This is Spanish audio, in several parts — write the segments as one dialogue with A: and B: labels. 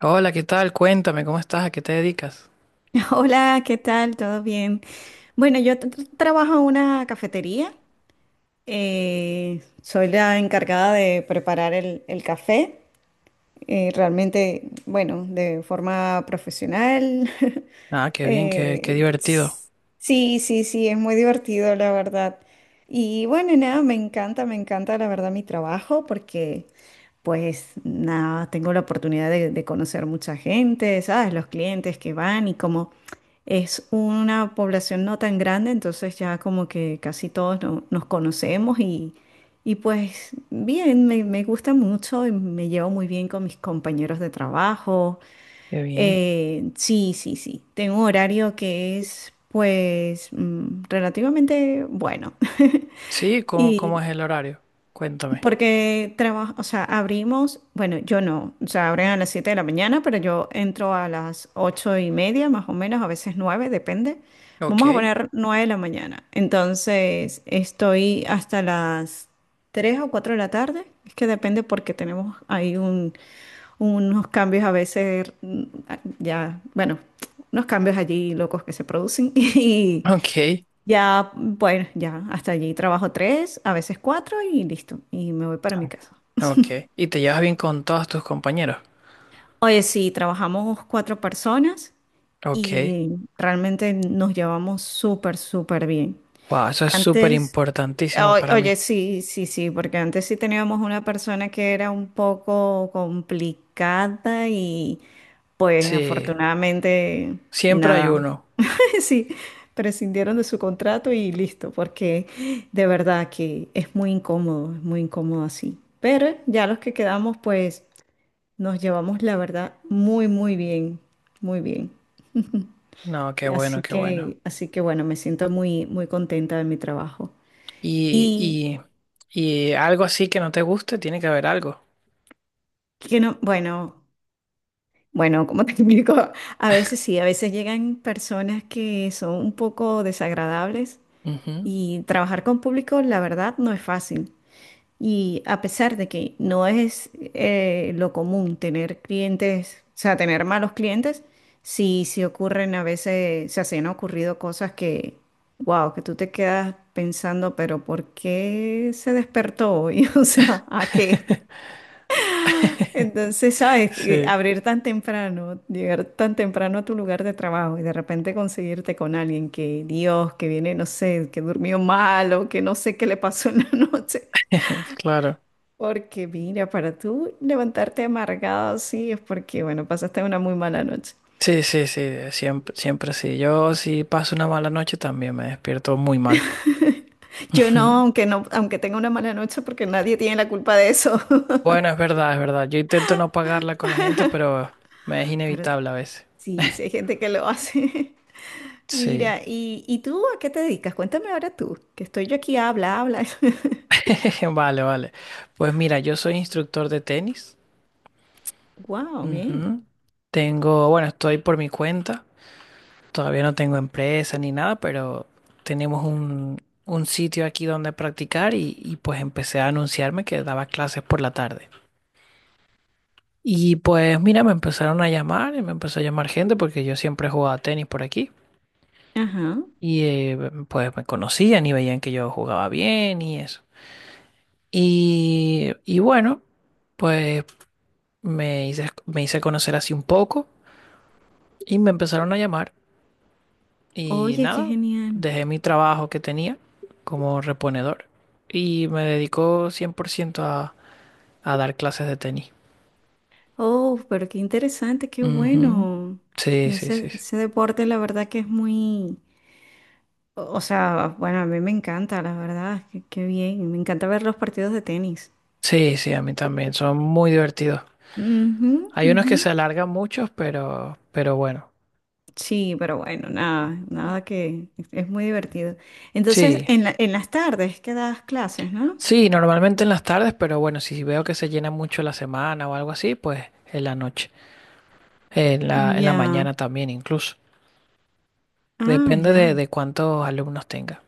A: Hola, ¿qué tal? Cuéntame, ¿cómo estás? ¿A qué te dedicas?
B: Hola, ¿qué tal? ¿Todo bien? Bueno, yo trabajo en una cafetería. Soy la encargada de preparar el café, realmente, bueno, de forma profesional.
A: Ah, qué bien, qué
B: Eh,
A: divertido.
B: s- sí, sí, sí, es muy divertido, la verdad. Y bueno, nada, me encanta, la verdad, mi trabajo porque, pues, nada, tengo la oportunidad de conocer mucha gente, ¿sabes? Los clientes que van, y como es una población no tan grande, entonces ya como que casi todos nos conocemos. Y pues bien, me gusta mucho y me llevo muy bien con mis compañeros de trabajo.
A: Qué bien.
B: Sí, sí, sí. Tengo un horario que es pues, relativamente bueno.
A: Sí, ¿cómo
B: Y,
A: es el horario? Cuéntame.
B: Porque trabajo, o sea, abrimos, bueno, yo no, o sea, abren a las 7 de la mañana, pero yo entro a las 8:30, más o menos, a veces 9, depende.
A: Ok,
B: Vamos a poner 9 de la mañana. Entonces, estoy hasta las 3 o 4 de la tarde. Es que depende porque tenemos ahí unos cambios a veces, ya, bueno, unos cambios allí locos que se producen. Y.
A: ok,
B: Ya, bueno, ya, hasta allí trabajo 3, a veces 4 y listo. Y me voy para mi casa.
A: ok. ¿Y te llevas bien con todos tus compañeros?
B: Oye, sí, trabajamos cuatro personas
A: Ok.
B: y realmente nos llevamos súper, súper bien.
A: Wow, eso es súper
B: Antes,
A: importantísimo para
B: oye,
A: mí.
B: sí, sí, sí, porque antes sí teníamos una persona que era un poco complicada y pues,
A: Sí,
B: afortunadamente,
A: siempre hay
B: nada.
A: uno.
B: Sí, prescindieron de su contrato y listo, porque de verdad que es muy incómodo así. Pero ya los que quedamos, pues nos llevamos la verdad muy, muy bien, muy bien.
A: No, qué bueno,
B: Así
A: qué bueno.
B: que, así que bueno, me siento muy, muy contenta de mi trabajo.
A: Y,
B: Y
A: y, y algo así que no te guste, tiene que haber algo.
B: que no, bueno, bueno, como te explico, a veces sí, a veces llegan personas que son un poco desagradables,
A: Ujú.
B: y trabajar con público, la verdad, no es fácil. Y a pesar de que no es, lo común tener clientes, o sea, tener malos clientes, sí, sí ocurren a veces, o sea, se han ocurrido cosas que, wow, que tú te quedas pensando, pero ¿por qué se despertó hoy? O sea, ¿a qué? Entonces, ¿sabes?
A: Sí,
B: Abrir tan temprano, llegar tan temprano a tu lugar de trabajo y de repente conseguirte con alguien que, Dios, que viene, no sé, que durmió mal o que no sé qué le pasó en la noche.
A: claro.
B: Porque mira, para tú levantarte amargado así es porque, bueno, pasaste una muy mala noche.
A: Sí, sí, sí, siempre, siempre sí. Yo si paso una mala noche también me despierto muy mal.
B: Yo no, aunque no, aunque tenga una mala noche, porque nadie tiene la culpa de eso.
A: Bueno, es verdad, es verdad. Yo intento no pagarla con la gente, pero me es
B: Pero
A: inevitable a veces.
B: sí, sí hay gente que lo hace.
A: Sí.
B: Mira, ¿y tú a qué te dedicas? Cuéntame ahora tú, que estoy yo aquí, habla, habla.
A: Vale, vale. Pues mira, yo soy instructor de tenis.
B: Wow, bien.
A: Ujú. Tengo, bueno, estoy por mi cuenta. Todavía no tengo empresa ni nada, pero tenemos un sitio aquí donde practicar y pues empecé a anunciarme que daba clases por la tarde. Y pues mira, me empezaron a llamar y me empezó a llamar gente porque yo siempre jugaba tenis por aquí.
B: Ajá.
A: Y pues me conocían y veían que yo jugaba bien y eso. Y bueno, pues me hice conocer así un poco y me empezaron a llamar. Y
B: Oye, qué
A: nada,
B: genial.
A: dejé mi trabajo que tenía como reponedor y me dedico 100% a dar clases de tenis.
B: Oh, pero qué interesante, qué
A: Ujú.
B: bueno.
A: Sí, sí, sí.
B: Ese,
A: Sí,
B: ese deporte, la verdad que es muy... O sea, bueno, a mí me encanta, la verdad, qué bien, me encanta ver los partidos de tenis.
A: sí, sí, a mí también. Son muy divertidos.
B: Ujú,
A: Hay unos
B: ujú.
A: que se alargan muchos, pero bueno.
B: Sí, pero bueno, nada, nada que es muy divertido. Entonces,
A: Sí,
B: en las tardes que das clases, ¿no?
A: sí, normalmente en las tardes, pero bueno, si veo que se llena mucho la semana o algo así, pues en la noche, en la
B: Ya,
A: mañana también incluso.
B: ah,
A: Depende de,
B: ya.
A: de cuántos alumnos tenga.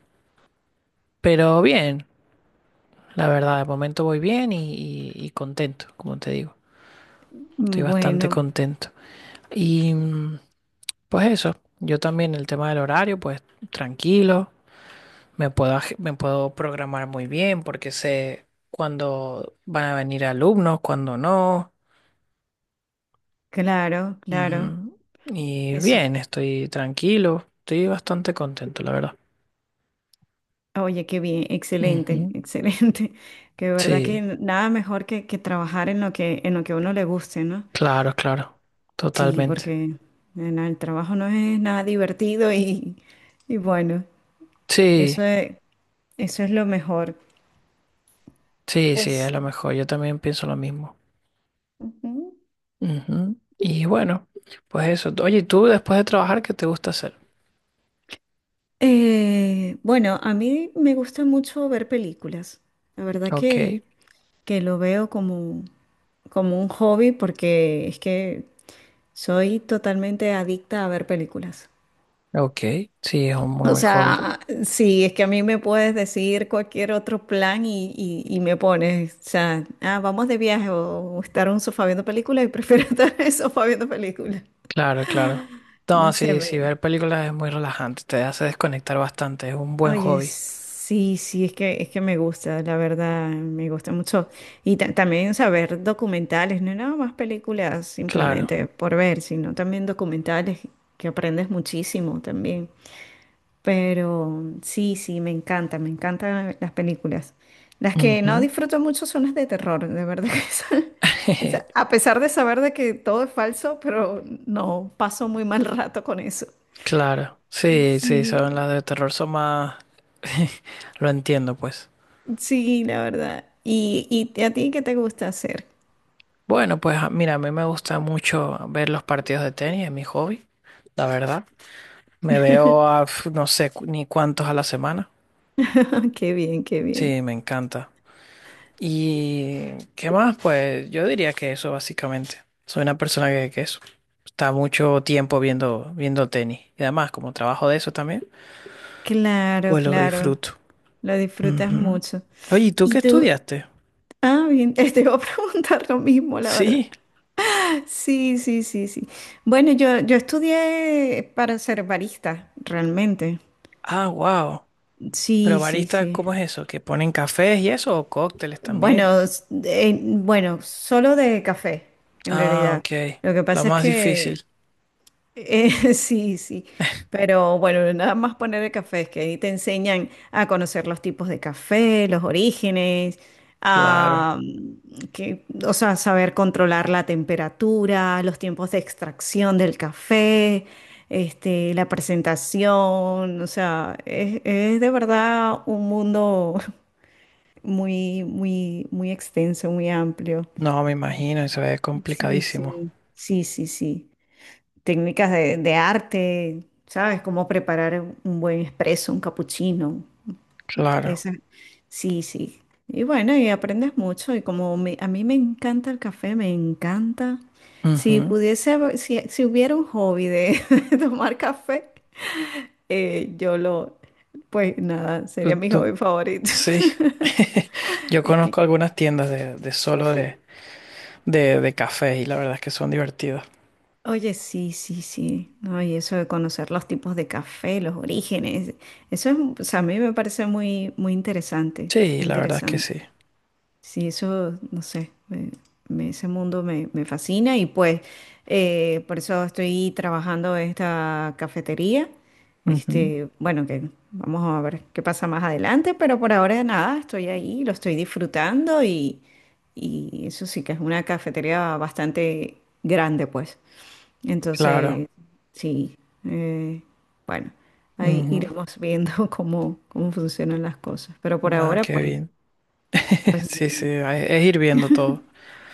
A: Pero bien, la verdad, de momento voy bien y contento, como te digo. Estoy bastante
B: Bueno,
A: contento. Y pues eso, yo también el tema del horario, pues tranquilo. Me puedo programar muy bien porque sé cuándo van a venir alumnos, cuándo no.
B: claro, claro.
A: Ujú. Y
B: Eso,
A: bien, estoy tranquilo, estoy bastante contento, la verdad.
B: oye, qué bien, excelente,
A: Ujú.
B: excelente. Que de verdad que
A: Sí,
B: nada mejor que trabajar en lo que a uno le guste, ¿no?
A: claro, claro,
B: Sí,
A: totalmente.
B: porque en el trabajo no es nada divertido y bueno,
A: Sí,
B: eso es, eso es lo mejor.
A: sí, sí, es
B: Pues,
A: lo mejor, yo también pienso lo mismo.
B: ujú.
A: Ujú. Y bueno, pues eso. Oye, ¿y ¿tú después de trabajar qué te gusta hacer?
B: Bueno, a mí me gusta mucho ver películas. La verdad
A: Ok,
B: que lo veo como un hobby porque es que soy totalmente adicta a ver películas.
A: ok, sí, es un muy
B: O
A: buen hobby.
B: sea, sí, es que a mí me puedes decir cualquier otro plan y me pones, o sea, ah, vamos de viaje o estar en un sofá viendo películas, y prefiero estar en el sofá viendo películas.
A: Claro, claro. No,
B: No sé,
A: sí,
B: me...
A: sí, ver películas es muy relajante, te hace desconectar bastante, es un buen
B: Oye,
A: hobby.
B: sí, sí, es que me gusta, la verdad, me gusta mucho. Y también saber documentales, no nada más películas
A: Claro,
B: simplemente por ver, sino también documentales que aprendes muchísimo también. Pero sí, sí, me encanta, me encantan las películas. Las que no
A: Ujú.
B: disfruto mucho son las de terror, de verdad que a pesar de saber de que todo es falso, pero no, paso muy mal rato con eso.
A: claro. Sí, sí, son
B: Sí,
A: las de terror, son más... Lo entiendo, pues.
B: sí, la verdad. ¿Y a ti qué te gusta hacer?
A: Bueno, pues mira, a mí me gusta mucho ver los partidos de tenis, es mi hobby, la verdad. Me veo a, pf, ni cuántos a la semana.
B: Qué bien, qué bien.
A: Sí, me encanta. ¿Y qué más? Pues yo diría que eso básicamente. Soy una persona que eso, está mucho tiempo viendo tenis. Y además, como trabajo de eso también,
B: Claro,
A: pues lo
B: claro,
A: disfruto.
B: lo disfrutas
A: Ujú.
B: mucho.
A: Oye, ¿y tú
B: Y
A: qué
B: tú,
A: estudiaste?
B: ah, bien, te iba a preguntar lo mismo, la verdad.
A: Sí.
B: Sí, sí, sí, sí. Bueno, yo estudié para ser barista, realmente.
A: Ah, wow.
B: Sí,
A: Pero
B: sí,
A: barista,
B: sí.
A: ¿cómo es eso? ¿Que ponen cafés y eso o cócteles también?
B: Bueno, bueno, solo de café, en
A: Ah,
B: realidad.
A: ok.
B: Lo que
A: Lo
B: pasa es
A: más
B: que...
A: difícil.
B: Sí, sí, pero bueno, nada más poner el café, es que ahí te enseñan a conocer los tipos de café, los orígenes,
A: Claro.
B: a, que, o sea, saber controlar la temperatura, los tiempos de extracción del café, este, la presentación, o sea, es de verdad un mundo muy, muy, muy extenso, muy amplio.
A: No, me imagino, eso es
B: Sí,
A: complicadísimo.
B: sí, sí, sí, sí, técnicas de arte, ¿sabes? Cómo preparar un buen espresso, un cappuccino.
A: Claro.
B: Esa. Sí, sí. Y bueno, y aprendes mucho. Y como a mí me encanta el café, me encanta. Si
A: Ujú.
B: pudiese... Si hubiera un hobby de tomar café, yo lo, pues nada, sería
A: ¿Tú,
B: mi
A: tú-
B: hobby favorito.
A: Sí, yo
B: Es
A: conozco
B: que...
A: algunas tiendas de solo de café y la verdad es que son divertidas.
B: Oye, sí, sí, sí. No, y eso de conocer los tipos de café, los orígenes, eso es, o sea, a mí me parece muy, muy interesante,
A: Sí,
B: muy
A: la verdad es que
B: interesante.
A: sí.
B: Sí, eso, no sé, ese mundo me fascina y pues, por eso estoy trabajando en esta cafetería.
A: Ujú,
B: Este, bueno, que vamos a ver qué pasa más adelante, pero por ahora nada, estoy ahí, lo estoy disfrutando. Y eso sí que es una cafetería bastante grande, pues.
A: Claro.
B: Entonces, sí, eh, bueno, ahí
A: Ujú.
B: iremos viendo cómo funcionan las cosas, pero por
A: Ah,
B: ahora
A: qué
B: pues...
A: bien. Sí, sí, es ir viendo todo.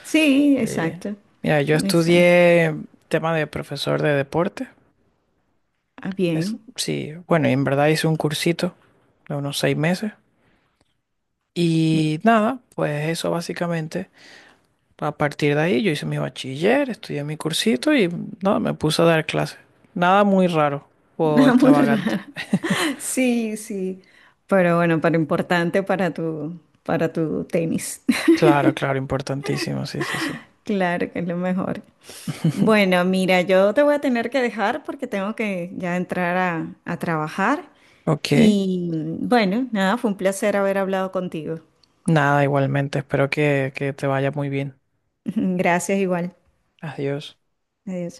B: Sí,
A: Sí.
B: exacto.
A: Mira, yo
B: Exacto.
A: estudié tema de profesor de deporte.
B: Ah,
A: Es,
B: bien.
A: sí, bueno, y en verdad hice un cursito de unos 6 meses. Y nada, pues eso básicamente. A partir de ahí yo hice mi bachiller, estudié mi cursito y no, me puse a dar clases. Nada muy raro o
B: Nada muy
A: extravagante.
B: rara. Sí, sí. Pero bueno, para importante para tu tenis.
A: Claro, claro, importantísimo, sí, sí, sí.
B: Claro que es lo mejor. Bueno, mira, yo te voy a tener que dejar porque tengo que ya entrar a trabajar.
A: Ok,
B: Y, bueno, nada, fue un placer haber hablado contigo.
A: nada, igualmente, espero que te vaya muy bien.
B: Gracias igual.
A: Adiós.
B: Adiós.